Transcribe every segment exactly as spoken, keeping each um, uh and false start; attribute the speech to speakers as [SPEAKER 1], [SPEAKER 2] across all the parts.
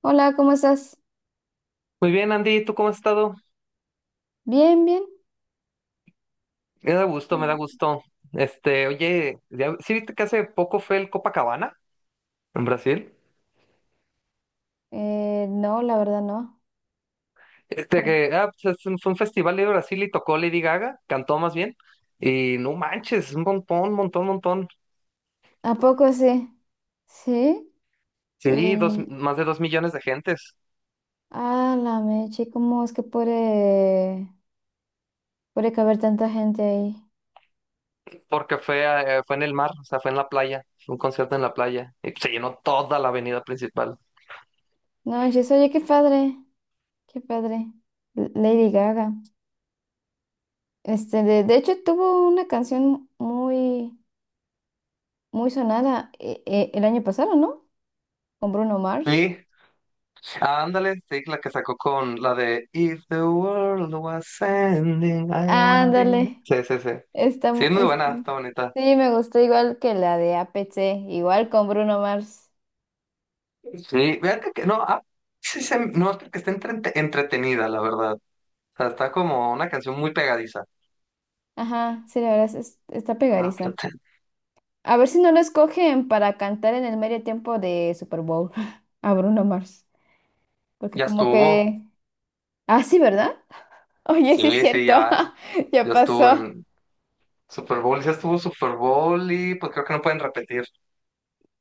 [SPEAKER 1] Hola, ¿cómo estás?
[SPEAKER 2] Muy bien, Andy, ¿tú cómo has estado?
[SPEAKER 1] Bien, bien.
[SPEAKER 2] Me da gusto, me da
[SPEAKER 1] Mm,
[SPEAKER 2] gusto. Este, oye, ya- ¿sí viste que hace poco fue el Copacabana en Brasil?
[SPEAKER 1] eh, no, la verdad no.
[SPEAKER 2] Este que ah, pues, es un- fue un festival de Brasil y tocó Lady Gaga, cantó más bien. Y no manches, un montón, montón, montón.
[SPEAKER 1] ¿A poco sí? Sí.
[SPEAKER 2] Sí, dos,
[SPEAKER 1] Y,
[SPEAKER 2] más de dos millones de gentes,
[SPEAKER 1] ah, la meche, ¿cómo es que puede, puede caber tanta gente ahí?
[SPEAKER 2] porque fue, eh, fue en el mar, o sea, fue en la playa, fue un concierto en la playa, y se llenó toda la avenida principal.
[SPEAKER 1] No, yo oye, qué padre, qué padre. L- Lady Gaga. Este, de, de hecho, tuvo una canción muy, muy sonada eh, eh, el año pasado, ¿no? Con Bruno Mars.
[SPEAKER 2] Sí. Ah, ándale, sí, la que sacó con la de If the world was ending, I wanna be.
[SPEAKER 1] Ándale.
[SPEAKER 2] Sí, sí, sí.
[SPEAKER 1] Está.
[SPEAKER 2] Sí, es muy buena, está bonita.
[SPEAKER 1] Sí, me gustó igual que la de A P C igual con Bruno Mars.
[SPEAKER 2] Sí, vean que, que- no, ah, sí, se- no, que está entrete- entretenida, la verdad. O sea, está como una canción muy pegadiza.
[SPEAKER 1] Ajá, sí, la verdad es, está
[SPEAKER 2] Ah,
[SPEAKER 1] pegadiza.
[SPEAKER 2] espérate.
[SPEAKER 1] A ver si no lo escogen para cantar en el medio tiempo de Super Bowl a Bruno Mars, porque
[SPEAKER 2] ya
[SPEAKER 1] como
[SPEAKER 2] estuvo.
[SPEAKER 1] que... Ah, sí, ¿verdad? Oye, sí es
[SPEAKER 2] Sí, sí,
[SPEAKER 1] cierto,
[SPEAKER 2] ya,
[SPEAKER 1] ya
[SPEAKER 2] ya estuvo
[SPEAKER 1] pasó.
[SPEAKER 2] en Super Bowl, ya estuvo Super Bowl y pues creo que no pueden repetir.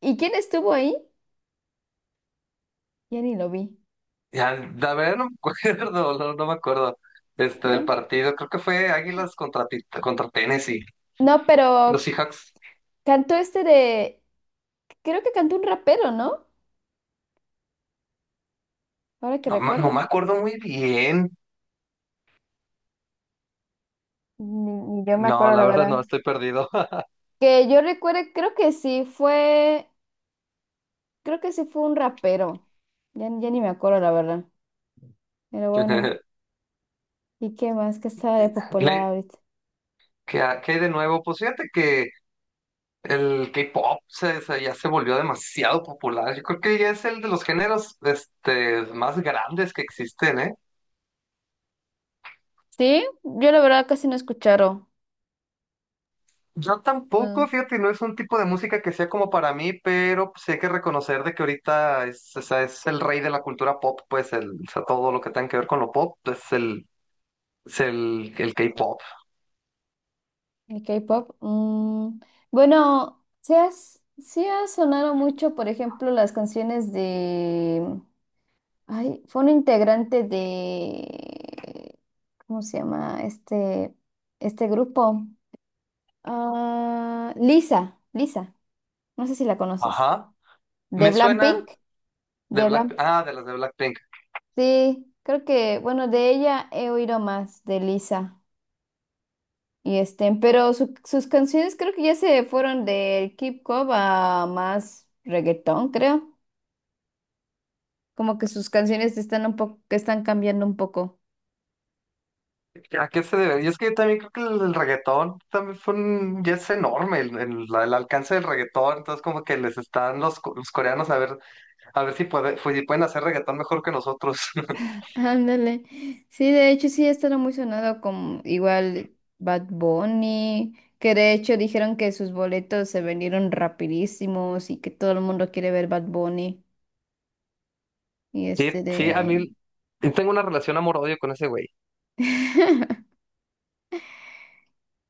[SPEAKER 1] ¿Y quién estuvo ahí? Ya ni lo vi.
[SPEAKER 2] Ya, la verdad no me acuerdo, no, no me acuerdo. Este, del
[SPEAKER 1] No,
[SPEAKER 2] partido, creo que fue Águilas contra, Tit- contra Tennessee.
[SPEAKER 1] no,
[SPEAKER 2] Los
[SPEAKER 1] pero
[SPEAKER 2] Seahawks,
[SPEAKER 1] cantó este de... Creo que cantó un rapero, ¿no? Ahora que
[SPEAKER 2] no, ma- no
[SPEAKER 1] recuerdo.
[SPEAKER 2] me acuerdo muy bien.
[SPEAKER 1] Ni, ni yo me
[SPEAKER 2] No,
[SPEAKER 1] acuerdo,
[SPEAKER 2] la
[SPEAKER 1] la
[SPEAKER 2] verdad
[SPEAKER 1] verdad.
[SPEAKER 2] no, estoy perdido.
[SPEAKER 1] Que yo recuerde, creo que sí, fue. Creo que sí fue un rapero. Ya, ya ni me acuerdo, la verdad. Pero bueno,
[SPEAKER 2] Le-
[SPEAKER 1] ¿y qué más que está de popular ahorita?
[SPEAKER 2] ¿Qué, ha- qué hay de nuevo? Pues fíjate que el K-pop se- se- ya se volvió demasiado popular. Yo creo que ya es el de los géneros este, más grandes que existen, ¿eh?
[SPEAKER 1] Sí, yo la verdad casi no escucharon
[SPEAKER 2] Yo
[SPEAKER 1] el
[SPEAKER 2] tampoco, fíjate, no es un tipo de música que sea como para mí, pero pues, sí hay que reconocer de que ahorita es, o sea, es el rey de la cultura pop, pues el, o sea, todo lo que tenga que ver con lo pop, pues el, es el, el K-pop.
[SPEAKER 1] K-pop. Mm, bueno, sí, has- sí ha sonado mucho, por ejemplo, las canciones de... Ay, fue un integrante de... ¿Cómo se llama este, este grupo? Ah, Lisa, Lisa. No sé si la conoces.
[SPEAKER 2] Ajá.
[SPEAKER 1] De
[SPEAKER 2] Me suena,
[SPEAKER 1] Blackpink.
[SPEAKER 2] De
[SPEAKER 1] De
[SPEAKER 2] Black, ah, de las de Blackpink.
[SPEAKER 1] sí, creo que, bueno, de ella he oído más, de Lisa y este, pero su- sus canciones creo que ya se fueron del hip hop a más reggaetón, creo. Como que sus canciones están un poco, que están cambiando un poco.
[SPEAKER 2] ¿A qué se debe? Y es que yo también creo que el, el reggaetón también fue un, ya es enorme el, el- la- el alcance del reggaetón. Entonces, como que les están los, co- los coreanos a ver, a ver si, puede, pues, si pueden hacer reggaetón mejor que nosotros.
[SPEAKER 1] Ándale. Sí, de hecho sí ha estado muy sonado con igual Bad Bunny, que de hecho dijeron que sus boletos se vendieron rapidísimos y que todo el mundo quiere ver Bad Bunny y este
[SPEAKER 2] Sí, sí, a
[SPEAKER 1] de
[SPEAKER 2] mí y tengo una relación amor-odio con ese güey.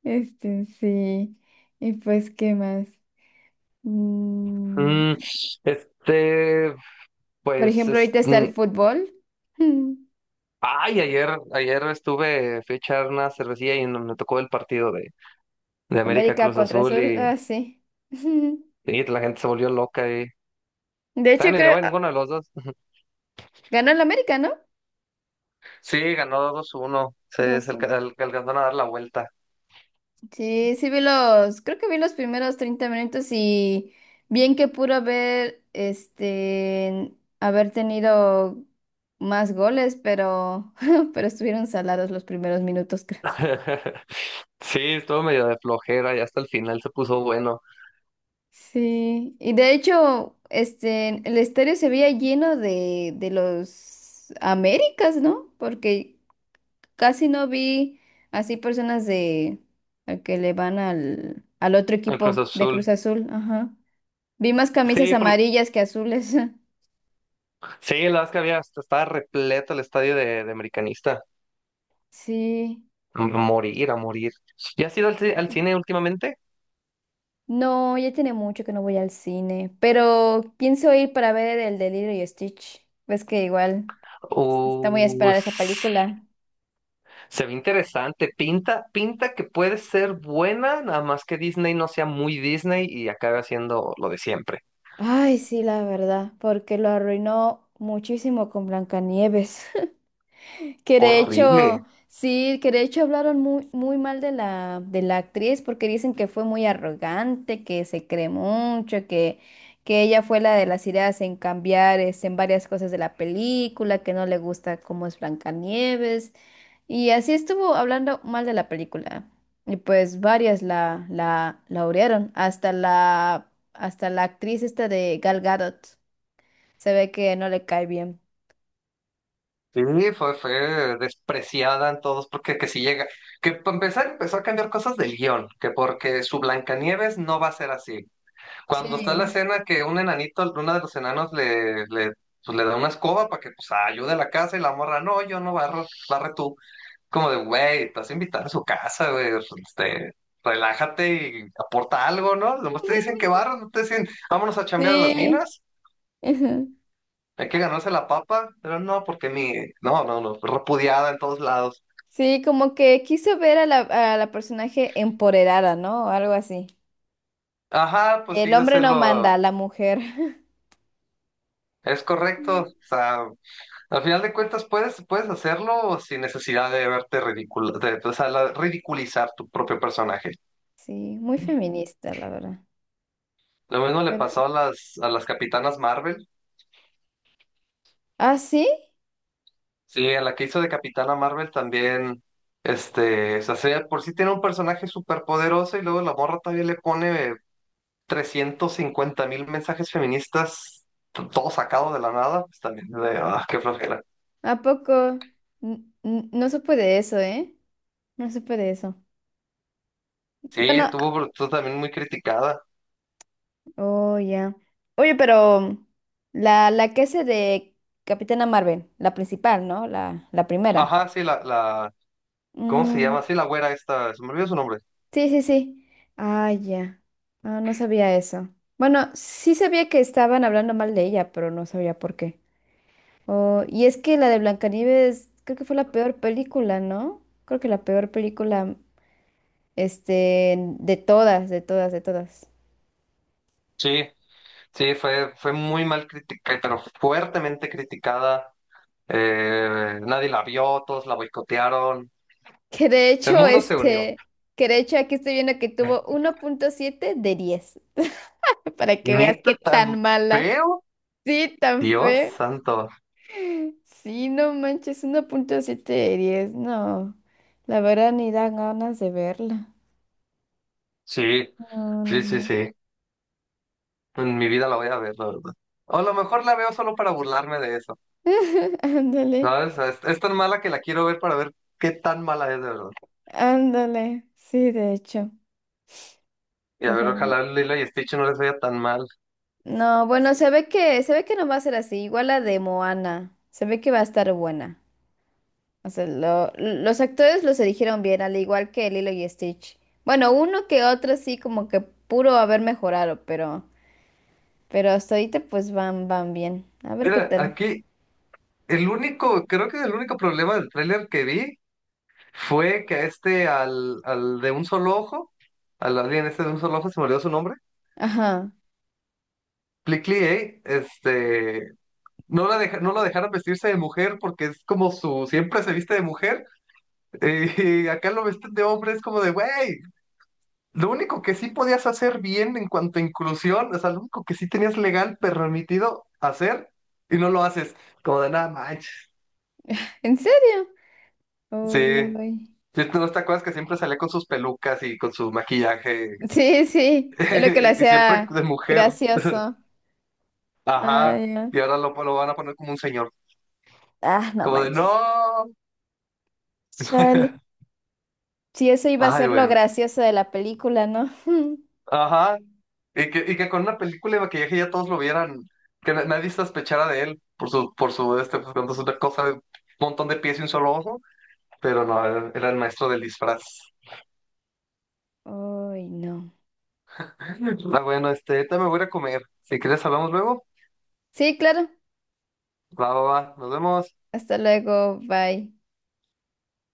[SPEAKER 1] este, sí. Y pues, ¿qué más? Mm,
[SPEAKER 2] Mm, este,
[SPEAKER 1] por
[SPEAKER 2] pues,
[SPEAKER 1] ejemplo,
[SPEAKER 2] es-
[SPEAKER 1] ahorita está
[SPEAKER 2] mm,
[SPEAKER 1] el fútbol. Mm,
[SPEAKER 2] ay, ayer, ayer estuve, fui a echar una cervecilla y no- me tocó el partido de, de América
[SPEAKER 1] América
[SPEAKER 2] Cruz
[SPEAKER 1] contra
[SPEAKER 2] Azul
[SPEAKER 1] Azul.
[SPEAKER 2] y,
[SPEAKER 1] Ah, sí.
[SPEAKER 2] y la gente se volvió loca.
[SPEAKER 1] De
[SPEAKER 2] sea,
[SPEAKER 1] hecho,
[SPEAKER 2] ni le
[SPEAKER 1] creo,
[SPEAKER 2] voy a
[SPEAKER 1] ah,
[SPEAKER 2] ninguno de los dos.
[SPEAKER 1] ganó el América, ¿no?
[SPEAKER 2] Sí, ganó dos uno. Se- Es
[SPEAKER 1] Dos,
[SPEAKER 2] el que
[SPEAKER 1] uno.
[SPEAKER 2] el que alcanzaron a dar la vuelta.
[SPEAKER 1] Sí, sí vi los, creo que vi los primeros treinta minutos y bien que pudo haber, este, haber tenido más goles, pero, pero estuvieron salados los primeros minutos.
[SPEAKER 2] Sí, estuvo medio de flojera y hasta el final se puso bueno
[SPEAKER 1] Sí, y de hecho, este, el estadio se veía lleno de, de los Américas, ¿no? Porque casi no vi así personas de al que le van al, al otro
[SPEAKER 2] el Cruz
[SPEAKER 1] equipo de Cruz
[SPEAKER 2] Azul.
[SPEAKER 1] Azul, ajá. Vi más camisas
[SPEAKER 2] Sí, por-
[SPEAKER 1] amarillas que azules.
[SPEAKER 2] sí, la verdad es que había, estaba repleto el estadio de, de Americanista.
[SPEAKER 1] Sí.
[SPEAKER 2] A morir, a morir. ¿Ya has ido al, ci- al
[SPEAKER 1] Y-
[SPEAKER 2] cine últimamente?
[SPEAKER 1] No, ya tiene mucho que no voy al cine, pero pienso ir para ver el de Lilo y Stitch. Ves que igual está muy a
[SPEAKER 2] Uh,
[SPEAKER 1] esperar esa película.
[SPEAKER 2] Se ve interesante. Pinta, pinta que puede ser buena, nada más que Disney no sea muy Disney y acabe haciendo lo de siempre.
[SPEAKER 1] Ay, sí, la verdad, porque lo arruinó muchísimo con Blancanieves. Que de
[SPEAKER 2] Horrible.
[SPEAKER 1] hecho, sí, que de hecho hablaron muy, muy mal de la, de la actriz porque dicen que fue muy arrogante, que se cree mucho, que, que ella fue la de las ideas en cambiar este, en varias cosas de la película, que no le gusta cómo es Blancanieves. Y así estuvo hablando mal de la película. Y pues varias la, la, la odiaron, hasta la, hasta la actriz esta de Gal Gadot. Se ve que no le cae bien.
[SPEAKER 2] Sí, fue, fue despreciada en todos, porque que si llega, que para empezar empezó a cambiar cosas del guión, que porque su Blancanieves no va a ser así. Cuando está la
[SPEAKER 1] Sí.
[SPEAKER 2] escena que un enanito, uno de los enanos le, le, pues, le da una escoba para que pues, ayude a la casa y la morra, no, yo no barro, barre tú. Como de, güey, estás invitado a su casa, güey, este, relájate y aporta algo, ¿no? Nomás te dicen que barras, no te dicen, vámonos a chambear a las
[SPEAKER 1] Sí.
[SPEAKER 2] minas.
[SPEAKER 1] Ujú.
[SPEAKER 2] Hay que ganarse la papa, pero no, porque mi, no, no, no, fue repudiada en todos lados.
[SPEAKER 1] Sí, como que quiso ver a la, a la personaje empoderada, ¿no? O algo así.
[SPEAKER 2] Ajá, pues
[SPEAKER 1] El
[SPEAKER 2] quise
[SPEAKER 1] hombre no
[SPEAKER 2] hacerlo,
[SPEAKER 1] manda, la mujer.
[SPEAKER 2] es
[SPEAKER 1] Mm.
[SPEAKER 2] correcto, o sea, al final de cuentas puedes, puedes, hacerlo sin necesidad de verte ridículo, de, o sea, la- ridiculizar tu propio personaje.
[SPEAKER 1] Sí, muy feminista, la verdad.
[SPEAKER 2] Lo mismo le
[SPEAKER 1] Pero...
[SPEAKER 2] pasó a las, a las Capitanas Marvel,
[SPEAKER 1] Ah, ¿sí?
[SPEAKER 2] sí, a la que hizo de Capitana Marvel también, este, o sea, se- por sí tiene un personaje súper poderoso y luego la morra todavía le pone trescientos cincuenta mil mensajes feministas, t- todo sacado de la nada, pues también, de, ah, qué flojera.
[SPEAKER 1] ¿A poco? N- n- no supe de eso, ¿eh? No supe de eso.
[SPEAKER 2] Sí,
[SPEAKER 1] Bueno, a-
[SPEAKER 2] estuvo, br- estuvo también muy criticada.
[SPEAKER 1] oh, ya. Oye, pero la, la que hace de Capitana Marvel, la principal, ¿no? La, la primera.
[SPEAKER 2] Ajá, sí, la, la, ¿cómo se llama?
[SPEAKER 1] Mm.
[SPEAKER 2] Sí, la güera esta, se me olvidó su nombre.
[SPEAKER 1] Sí, sí, sí. Ah, ya. Ah, no sabía eso. Bueno, sí sabía que estaban hablando mal de ella, pero no sabía por qué. Oh, y es que la de Blancanieves creo que fue la peor película, ¿no? Creo que la peor película, este, de todas, de todas, de todas.
[SPEAKER 2] Sí, sí, fue, fue muy mal criticada, pero fuertemente criticada. Eh, nadie la vio, todos la boicotearon.
[SPEAKER 1] Que de
[SPEAKER 2] El
[SPEAKER 1] hecho,
[SPEAKER 2] mundo se unió.
[SPEAKER 1] este, que de hecho aquí estoy viendo que tuvo uno punto siete de diez. Para que veas
[SPEAKER 2] ¿Neta
[SPEAKER 1] qué
[SPEAKER 2] tan
[SPEAKER 1] tan mala.
[SPEAKER 2] feo?
[SPEAKER 1] Sí, tan
[SPEAKER 2] Dios
[SPEAKER 1] fea.
[SPEAKER 2] santo.
[SPEAKER 1] Sí, no manches, uno punto siete de diez, no. La verdad ni dan ganas de verla.
[SPEAKER 2] Sí,
[SPEAKER 1] No, no,
[SPEAKER 2] sí, sí,
[SPEAKER 1] no.
[SPEAKER 2] sí. En mi vida la voy a ver, la verdad. O a lo mejor la veo solo para burlarme de eso,
[SPEAKER 1] Ándale,
[SPEAKER 2] ¿sabes? Es, es tan mala que la quiero ver para ver qué tan mala es de verdad.
[SPEAKER 1] ándale. Sí, de hecho.
[SPEAKER 2] Y a ver,
[SPEAKER 1] Pero...
[SPEAKER 2] ojalá Lilo y Stitch no les vaya tan mal.
[SPEAKER 1] No, bueno, se ve que, se ve que no va a ser así. Igual la de Moana. Se ve que va a estar buena. O sea, lo- los actores los eligieron bien, al igual que Lilo y Stitch. Bueno, uno que otro sí, como que puro haber mejorado, pero, pero hasta ahorita pues van, van bien. A ver qué
[SPEAKER 2] Mira,
[SPEAKER 1] tal.
[SPEAKER 2] aquí el único, creo que el único problema del tráiler que vi fue que a este, al, al de un solo ojo, al alien este de un solo ojo, se me olvidó su nombre,
[SPEAKER 1] Ajá.
[SPEAKER 2] Plickly, este, no la deja- no lo dejaron vestirse de mujer porque es como su, siempre se viste de mujer. eh, Y acá lo visten de hombre, es como de, güey. Lo único que sí podías hacer bien en cuanto a inclusión, o sea, lo único que sí tenías legal permitido hacer y no lo haces, como de nada manches.
[SPEAKER 1] ¿En serio?
[SPEAKER 2] Sí.
[SPEAKER 1] Uy.
[SPEAKER 2] Sí, ¿No te acuerdas que siempre salía con sus pelucas y con su maquillaje
[SPEAKER 1] Sí, sí, es lo que lo
[SPEAKER 2] y siempre
[SPEAKER 1] hacía
[SPEAKER 2] de mujer?
[SPEAKER 1] gracioso. Ah,
[SPEAKER 2] Ajá.
[SPEAKER 1] ya.
[SPEAKER 2] Y ahora lo, lo van a poner como un señor.
[SPEAKER 1] Ah, no
[SPEAKER 2] Como de
[SPEAKER 1] manches.
[SPEAKER 2] no.
[SPEAKER 1] Chale. Sí, eso iba a
[SPEAKER 2] Ay,
[SPEAKER 1] ser lo
[SPEAKER 2] bueno.
[SPEAKER 1] gracioso de la película, ¿no?
[SPEAKER 2] Ajá. Y que, y que con una película de maquillaje ya todos lo vieran, que na- nadie sospechara de él por su, por su, este, pues, cuando es una cosa de un montón de pies y un solo ojo. pero no, era, era el maestro del disfraz.
[SPEAKER 1] Uy, no.
[SPEAKER 2] Ah, bueno, este, ahorita me voy a ir a comer. Si quieres, hablamos luego.
[SPEAKER 1] Sí, claro.
[SPEAKER 2] Va, va, va. Nos vemos.
[SPEAKER 1] Hasta luego, bye.